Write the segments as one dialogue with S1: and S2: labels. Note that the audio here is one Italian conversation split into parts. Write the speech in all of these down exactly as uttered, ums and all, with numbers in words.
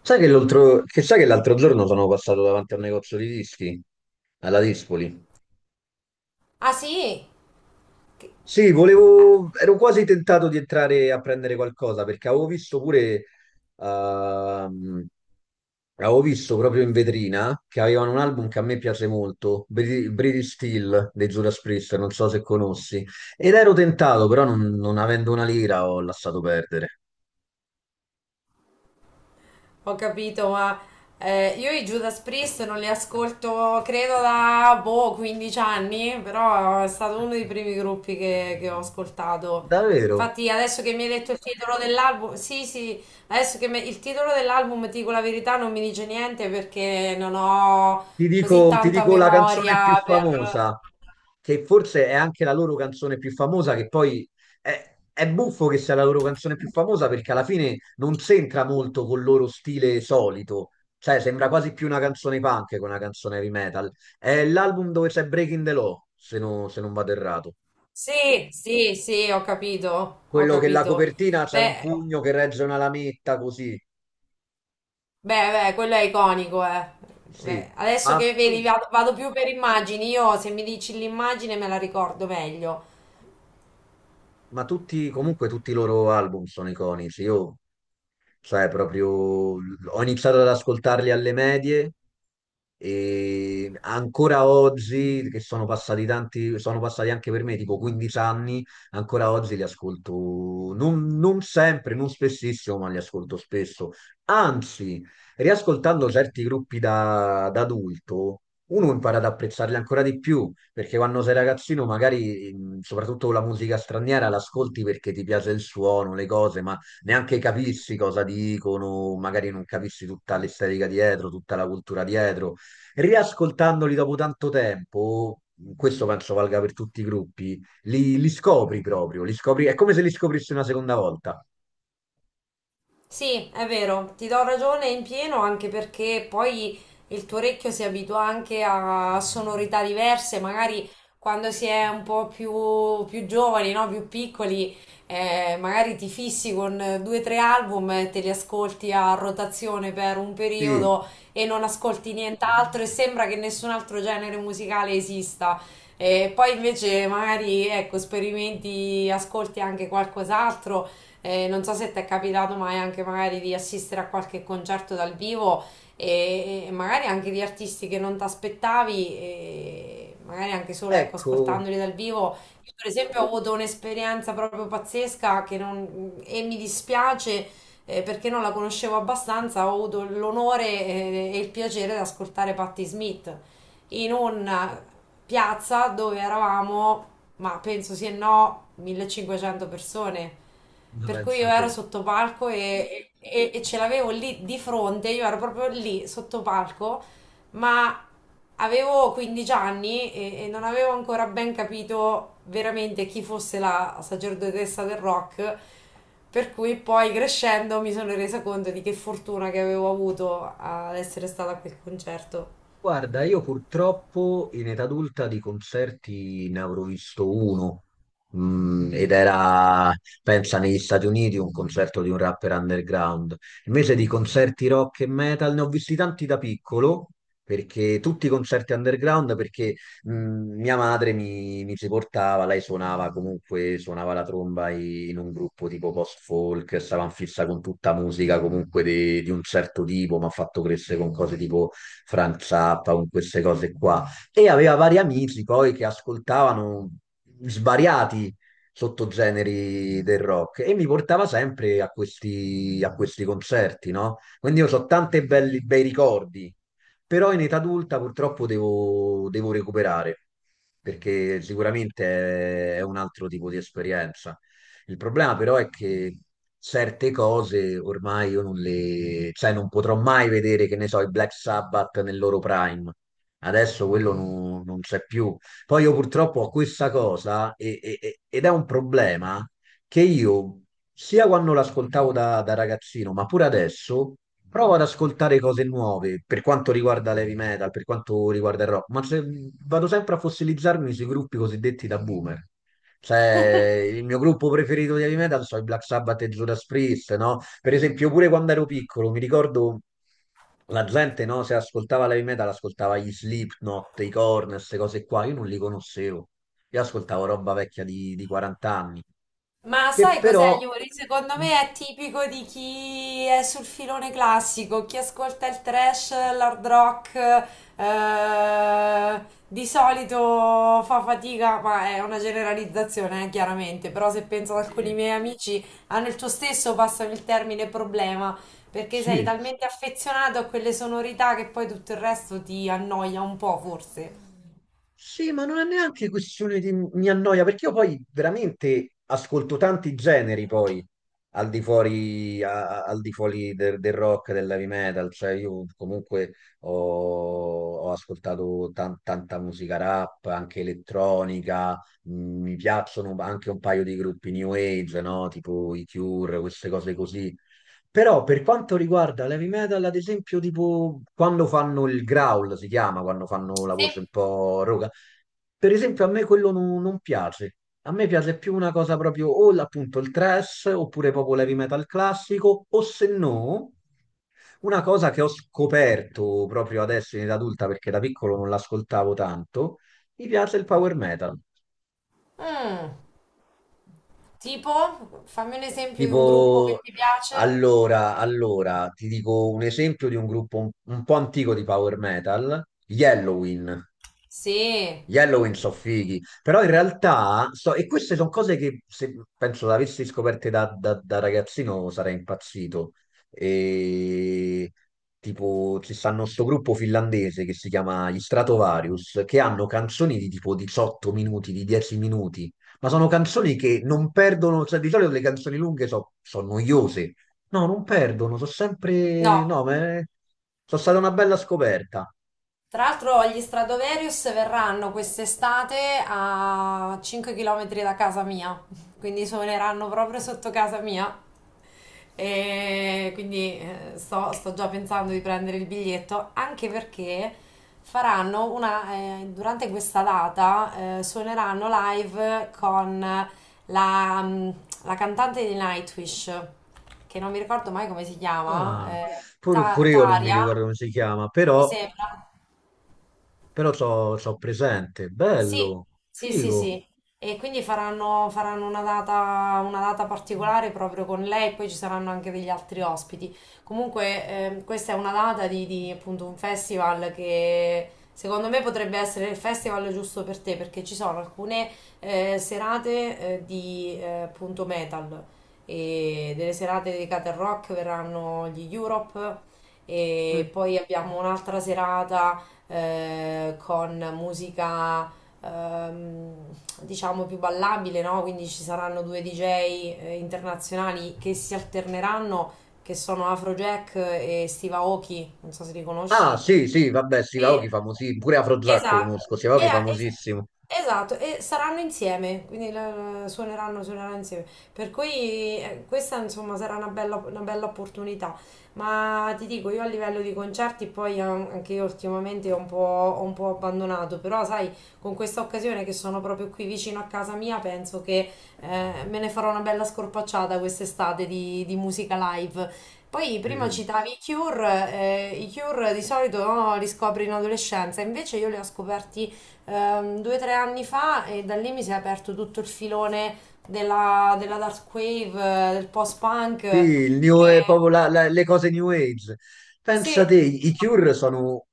S1: Sai che l'altro che sai che l'altro giorno sono passato davanti a un negozio di dischi alla Dispoli?
S2: Ah sì,
S1: Sì, volevo, ero quasi tentato di entrare a prendere qualcosa perché avevo visto pure, ehm, avevo visto proprio in vetrina che avevano un album che a me piace molto, Bri- British Steel dei Judas Priest, non so se conosci, ed ero tentato, però non, non avendo una lira ho lasciato perdere.
S2: ho capito, ma eh, io i Judas Priest non li ascolto credo da boh, quindici anni, però è stato uno dei primi gruppi che, che ho ascoltato.
S1: Davvero?
S2: Infatti adesso che mi hai detto il titolo dell'album, sì sì, adesso che me- il titolo dell'album, ti dico la verità, non mi dice niente perché non ho
S1: Ti
S2: così
S1: dico, ti
S2: tanta
S1: dico la canzone più
S2: memoria per...
S1: famosa, che forse è anche la loro canzone più famosa, che poi è, è buffo che sia la loro canzone più famosa perché alla fine non c'entra molto col loro stile solito, cioè sembra quasi più una canzone punk che una canzone heavy metal. È l'album dove c'è Breaking the Law, se, no- se non vado errato.
S2: Sì, sì, sì, ho capito, ho
S1: Quello che la
S2: capito.
S1: copertina c'è un
S2: Beh...
S1: pugno che regge una lametta così,
S2: Beh, beh, quello è iconico, eh. Beh,
S1: sì.
S2: adesso
S1: Ma,
S2: che vedi,
S1: tu-
S2: vado, vado più per immagini. Io, se mi dici l'immagine, me la ricordo meglio.
S1: ma tutti, comunque tutti i loro album sono iconici. Io cioè, proprio ho iniziato ad ascoltarli alle medie e ancora oggi, che sono passati tanti, sono passati anche per me tipo quindici anni, ancora oggi li ascolto, non, non sempre, non spessissimo, ma li ascolto spesso. Anzi, riascoltando certi gruppi da, da adulto, uno impara ad apprezzarli ancora di più, perché quando sei ragazzino magari, mh, soprattutto la musica straniera, l'ascolti perché ti piace il suono, le cose, ma neanche capissi cosa dicono, magari non capissi tutta l'estetica dietro, tutta la cultura dietro. Riascoltandoli dopo tanto tempo, questo penso valga per tutti i gruppi, li, li scopri proprio, li scopri, è come se li scoprissi una seconda volta.
S2: Sì, è vero, ti do ragione in pieno anche perché poi il tuo orecchio si abitua anche a sonorità diverse, magari quando si è un po' più, più giovani, no? Più piccoli, eh, magari ti fissi con eh, due o tre album e te li ascolti a rotazione per un
S1: Sì,
S2: periodo e non ascolti nient'altro e sembra che nessun altro genere musicale esista. E poi invece magari, ecco, sperimenti, ascolti anche qualcos'altro eh, non so se ti è capitato mai anche magari di assistere a qualche concerto dal vivo e, e magari anche di artisti che non ti aspettavi, e magari anche solo ecco,
S1: ecco,
S2: ascoltandoli dal vivo. Io per esempio ho avuto un'esperienza proprio pazzesca che non- e mi dispiace eh, perché non la conoscevo abbastanza, ho avuto l'onore eh, e il piacere di ascoltare Patti Smith in un piazza dove eravamo, ma penso sì e no, millecinquecento persone. Per cui io
S1: pensa
S2: ero
S1: te.
S2: sotto palco e, e- e ce l'avevo lì di fronte, io ero proprio lì sotto palco, ma avevo quindici anni e, e non avevo ancora ben capito veramente chi fosse la sacerdotessa del rock. Per cui poi crescendo mi sono resa conto di che fortuna che avevo avuto ad essere stata a quel concerto.
S1: Guarda, io purtroppo in età adulta di concerti ne avrò visto uno, mm, ed era, pensa, negli Stati Uniti un concerto di un rapper underground. Invece di concerti rock e metal ne ho visti tanti da piccolo, perché tutti i concerti underground, perché mm, mia madre mi, mi ci portava, lei suonava comunque, suonava la tromba i- in un gruppo tipo post-folk, stava in fissa con tutta musica comunque di, di un certo tipo, mi ha fatto crescere con cose tipo... Frank Zappa, con queste cose qua. E aveva vari amici poi che ascoltavano svariati sottogeneri del rock e mi portava sempre a questi, a questi concerti, no? Quindi io so tanti belli, bei ricordi, però in età adulta purtroppo devo, devo recuperare, perché sicuramente è è un altro tipo di esperienza. Il problema però è che certe cose ormai io non le, cioè non potrò mai vedere, che ne so, i Black Sabbath nel loro prime. Adesso quello non, non c'è più. Poi io purtroppo ho questa cosa e- e- e- ed è un problema che io, sia quando l'ascoltavo da, da ragazzino, ma pure adesso, provo ad ascoltare cose nuove per quanto riguarda l'heavy metal, per quanto riguarda il rock, ma se- vado sempre a fossilizzarmi sui gruppi cosiddetti da boomer. Cioè, il mio gruppo preferito di heavy metal sono i Black Sabbath e Judas Priest, no? Per esempio, pure quando ero piccolo, mi ricordo la gente, no? Se ascoltava l'heavy metal, ascoltava gli Slipknot, i Korn, queste cose qua. Io non li conoscevo. Io ascoltavo roba vecchia di, di quarant'anni anni,
S2: Ma
S1: che
S2: sai cos'è,
S1: però...
S2: Yuri? Secondo
S1: Mm,
S2: me è tipico di chi è sul filone classico, chi ascolta il trash, l'hard rock, eh, di solito fa fatica, ma è una generalizzazione, eh, chiaramente, però se penso ad alcuni
S1: eh,
S2: miei amici hanno il tuo stesso, passano il termine problema, perché sei
S1: sì,
S2: talmente affezionato a quelle sonorità che poi tutto il resto ti annoia un po', forse.
S1: sì, ma non è neanche questione di mi annoia, perché io poi veramente ascolto tanti generi poi al di fuori, a- a- al di fuori del, del rock, dell'heavy metal, cioè io comunque ho, ho ascoltato tan- tanta musica rap, anche elettronica, mh, mi piacciono anche un paio di gruppi new age, no? Tipo i Cure, queste cose così. Però per quanto riguarda l'heavy metal, ad esempio, tipo quando fanno il growl, si chiama, quando fanno la
S2: Sì.
S1: voce un po' roca, per esempio a me quello non, non piace. A me piace più una cosa proprio o l- appunto il thrash, oppure proprio l'heavy metal classico, o se no, una cosa che ho scoperto proprio adesso in età adulta, perché da piccolo non l'ascoltavo tanto, mi piace il power metal.
S2: Mm, tipo, fammi un esempio di un gruppo
S1: Tipo,
S2: che ti piace.
S1: allora, allora, ti dico un esempio di un gruppo un, un po' antico di power metal, gli Helloween.
S2: Sì,
S1: Gli Halloween sono fighi, però in realtà, so- e queste sono cose che se penso le avessi scoperte da, da- da ragazzino sarei impazzito. E, tipo, ci stanno sto gruppo finlandese che si chiama gli Stratovarius, che hanno canzoni di tipo diciotto minuti, di dieci minuti, ma sono canzoni che non perdono, cioè di solito le canzoni lunghe sono noiose. No, non perdono, sono sempre...
S2: no,
S1: No, ma è- sono stata una bella scoperta.
S2: tra l'altro gli Stradovarius verranno quest'estate a cinque chilometri da casa mia, quindi suoneranno proprio sotto casa mia. E quindi eh, sto, sto già pensando di prendere il biglietto, anche perché faranno una, eh, durante questa data eh, suoneranno live con la, mm, la cantante di Nightwish, che non mi ricordo mai come si chiama,
S1: Ah,
S2: eh,
S1: pur-
S2: Ta-
S1: pure io non mi
S2: Taria,
S1: ricordo come si chiama,
S2: mi
S1: però,
S2: sembra.
S1: però so, so presente.
S2: Sì,
S1: Bello,
S2: sì, sì,
S1: figo.
S2: sì. E quindi faranno, faranno una data, una data particolare proprio con lei, poi ci saranno anche degli altri ospiti. Comunque, ehm, questa è una data di, di, appunto un festival che secondo me potrebbe essere il festival giusto per te, perché ci sono alcune eh, serate eh, di eh, appunto metal e delle serate dedicate al rock, verranno gli Europe e poi abbiamo un'altra serata eh, con musica ehm, diciamo più ballabile, no? Quindi ci saranno due D J eh, internazionali che si alterneranno, che sono Afrojack e Steve Aoki, non so se li
S1: Ah,
S2: conosci,
S1: sì, sì, vabbè,
S2: e,
S1: Sivaochi famosissimo. Pure Afrojack
S2: esatto,
S1: conosco,
S2: e,
S1: Sivaochi
S2: a- es-
S1: famosissimo.
S2: esatto, e saranno insieme, quindi la- la- suoneranno, suoneranno insieme. Per cui eh, questa insomma sarà una bella, una bella opportunità. Ma ti dico, io a livello di concerti poi an- anche io ultimamente ho un po', ho un po' abbandonato, però sai, con questa occasione che sono proprio qui vicino a casa mia, penso che eh, me ne farò una bella scorpacciata quest'estate di, di musica live. Poi prima
S1: Sì.
S2: citavi i Cure, eh, i Cure di solito no, li scopri in adolescenza, invece io li ho scoperti ehm, due o tre anni fa e da lì mi si è aperto tutto il filone della, della dark wave, eh, del post-punk.
S1: Sì,
S2: Eh,
S1: il new- è proprio la- la- le cose New Age. Pensa te,
S2: sì,
S1: i Cure sono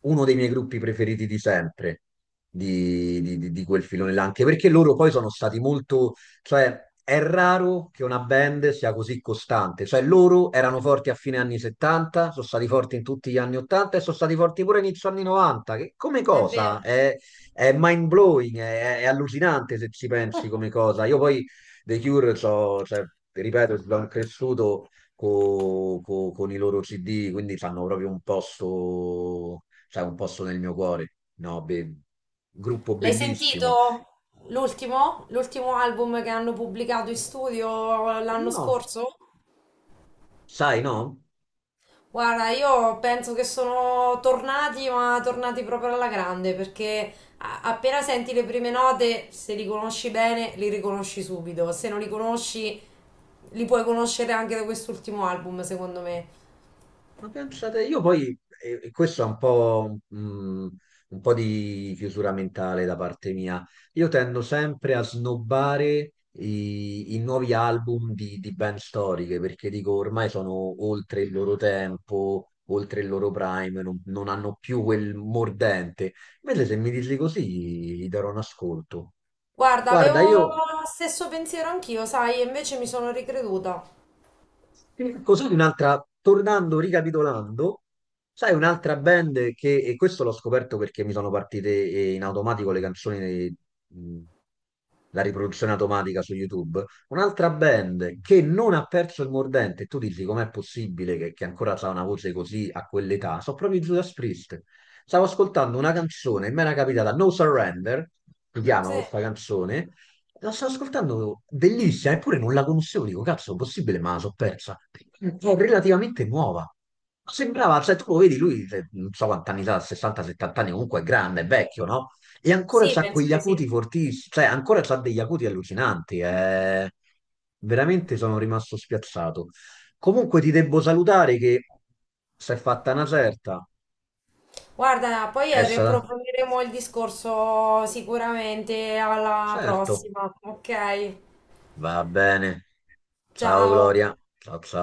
S1: uno dei miei gruppi preferiti di sempre, di, di- di- di quel filone là, anche perché loro poi sono stati molto... Cioè, è raro che una band sia così costante. Cioè, loro erano forti a fine anni settanta, sono stati forti in tutti gli anni ottanta e sono stati forti pure inizio anni novanta, che come
S2: è vero.
S1: cosa è, è mind-blowing, è, è allucinante se ci pensi come cosa. Io poi The Cure, so, cioè, ripeto, sono cresciuto co- co- con i loro C D, quindi hanno proprio un posto, cioè, un posto nel mio cuore. No, be- gruppo
S2: L'hai sentito
S1: bellissimo.
S2: l'ultimo? L'ultimo album che hanno pubblicato in studio l'anno
S1: No,
S2: scorso?
S1: sai, no?
S2: Guarda, io penso che sono tornati, ma tornati proprio alla grande, perché a- appena senti le prime note, se li conosci bene, li riconosci subito. Se non li conosci, li puoi conoscere anche da quest'ultimo album, secondo me.
S1: Ma pensate, io poi, e e questo è un po', mh, un po' di chiusura mentale da parte mia, io tendo sempre a snobbare i, i nuovi album di, di band storiche, perché dico ormai sono oltre il loro tempo, oltre il loro prime, non, non hanno più quel mordente. Invece se mi dici così, gli darò un ascolto.
S2: Guarda,
S1: Guarda,
S2: avevo
S1: io
S2: lo stesso pensiero anch'io, sai, e invece mi sono ricreduta.
S1: E così un'altra, tornando, ricapitolando, sai un'altra band che, e questo l'ho scoperto perché mi sono partite eh, in automatico le canzoni, eh, mh, la riproduzione automatica su YouTube, un'altra band che non ha perso il mordente, e tu dici com'è possibile che, che ancora ha una voce così a quell'età, sono proprio i Judas Priest. Stavo ascoltando una canzone, mi era capitata No Surrender, si chiama
S2: Sì.
S1: questa canzone, la sto ascoltando, bellissima, eppure non la conoscevo, dico, cazzo, possibile, ma la so persa. È relativamente nuova. Ma sembrava, cioè, tu lo vedi, lui, cioè, non so quanti anni ha, sessanta a settanta anni, comunque è grande, è vecchio, no? E ancora
S2: Sì,
S1: c'ha
S2: penso
S1: quegli
S2: di sì.
S1: acuti fortissimi, cioè, ancora c'ha degli acuti allucinanti, eh. Veramente sono rimasto spiazzato. Comunque ti devo salutare che si è fatta una certa.
S2: Guarda, poi eh,
S1: Essa?
S2: riapprofondiremo il discorso sicuramente alla
S1: Certo,
S2: prossima, ok?
S1: va bene. Ciao
S2: Ciao.
S1: Gloria, ciao ciao.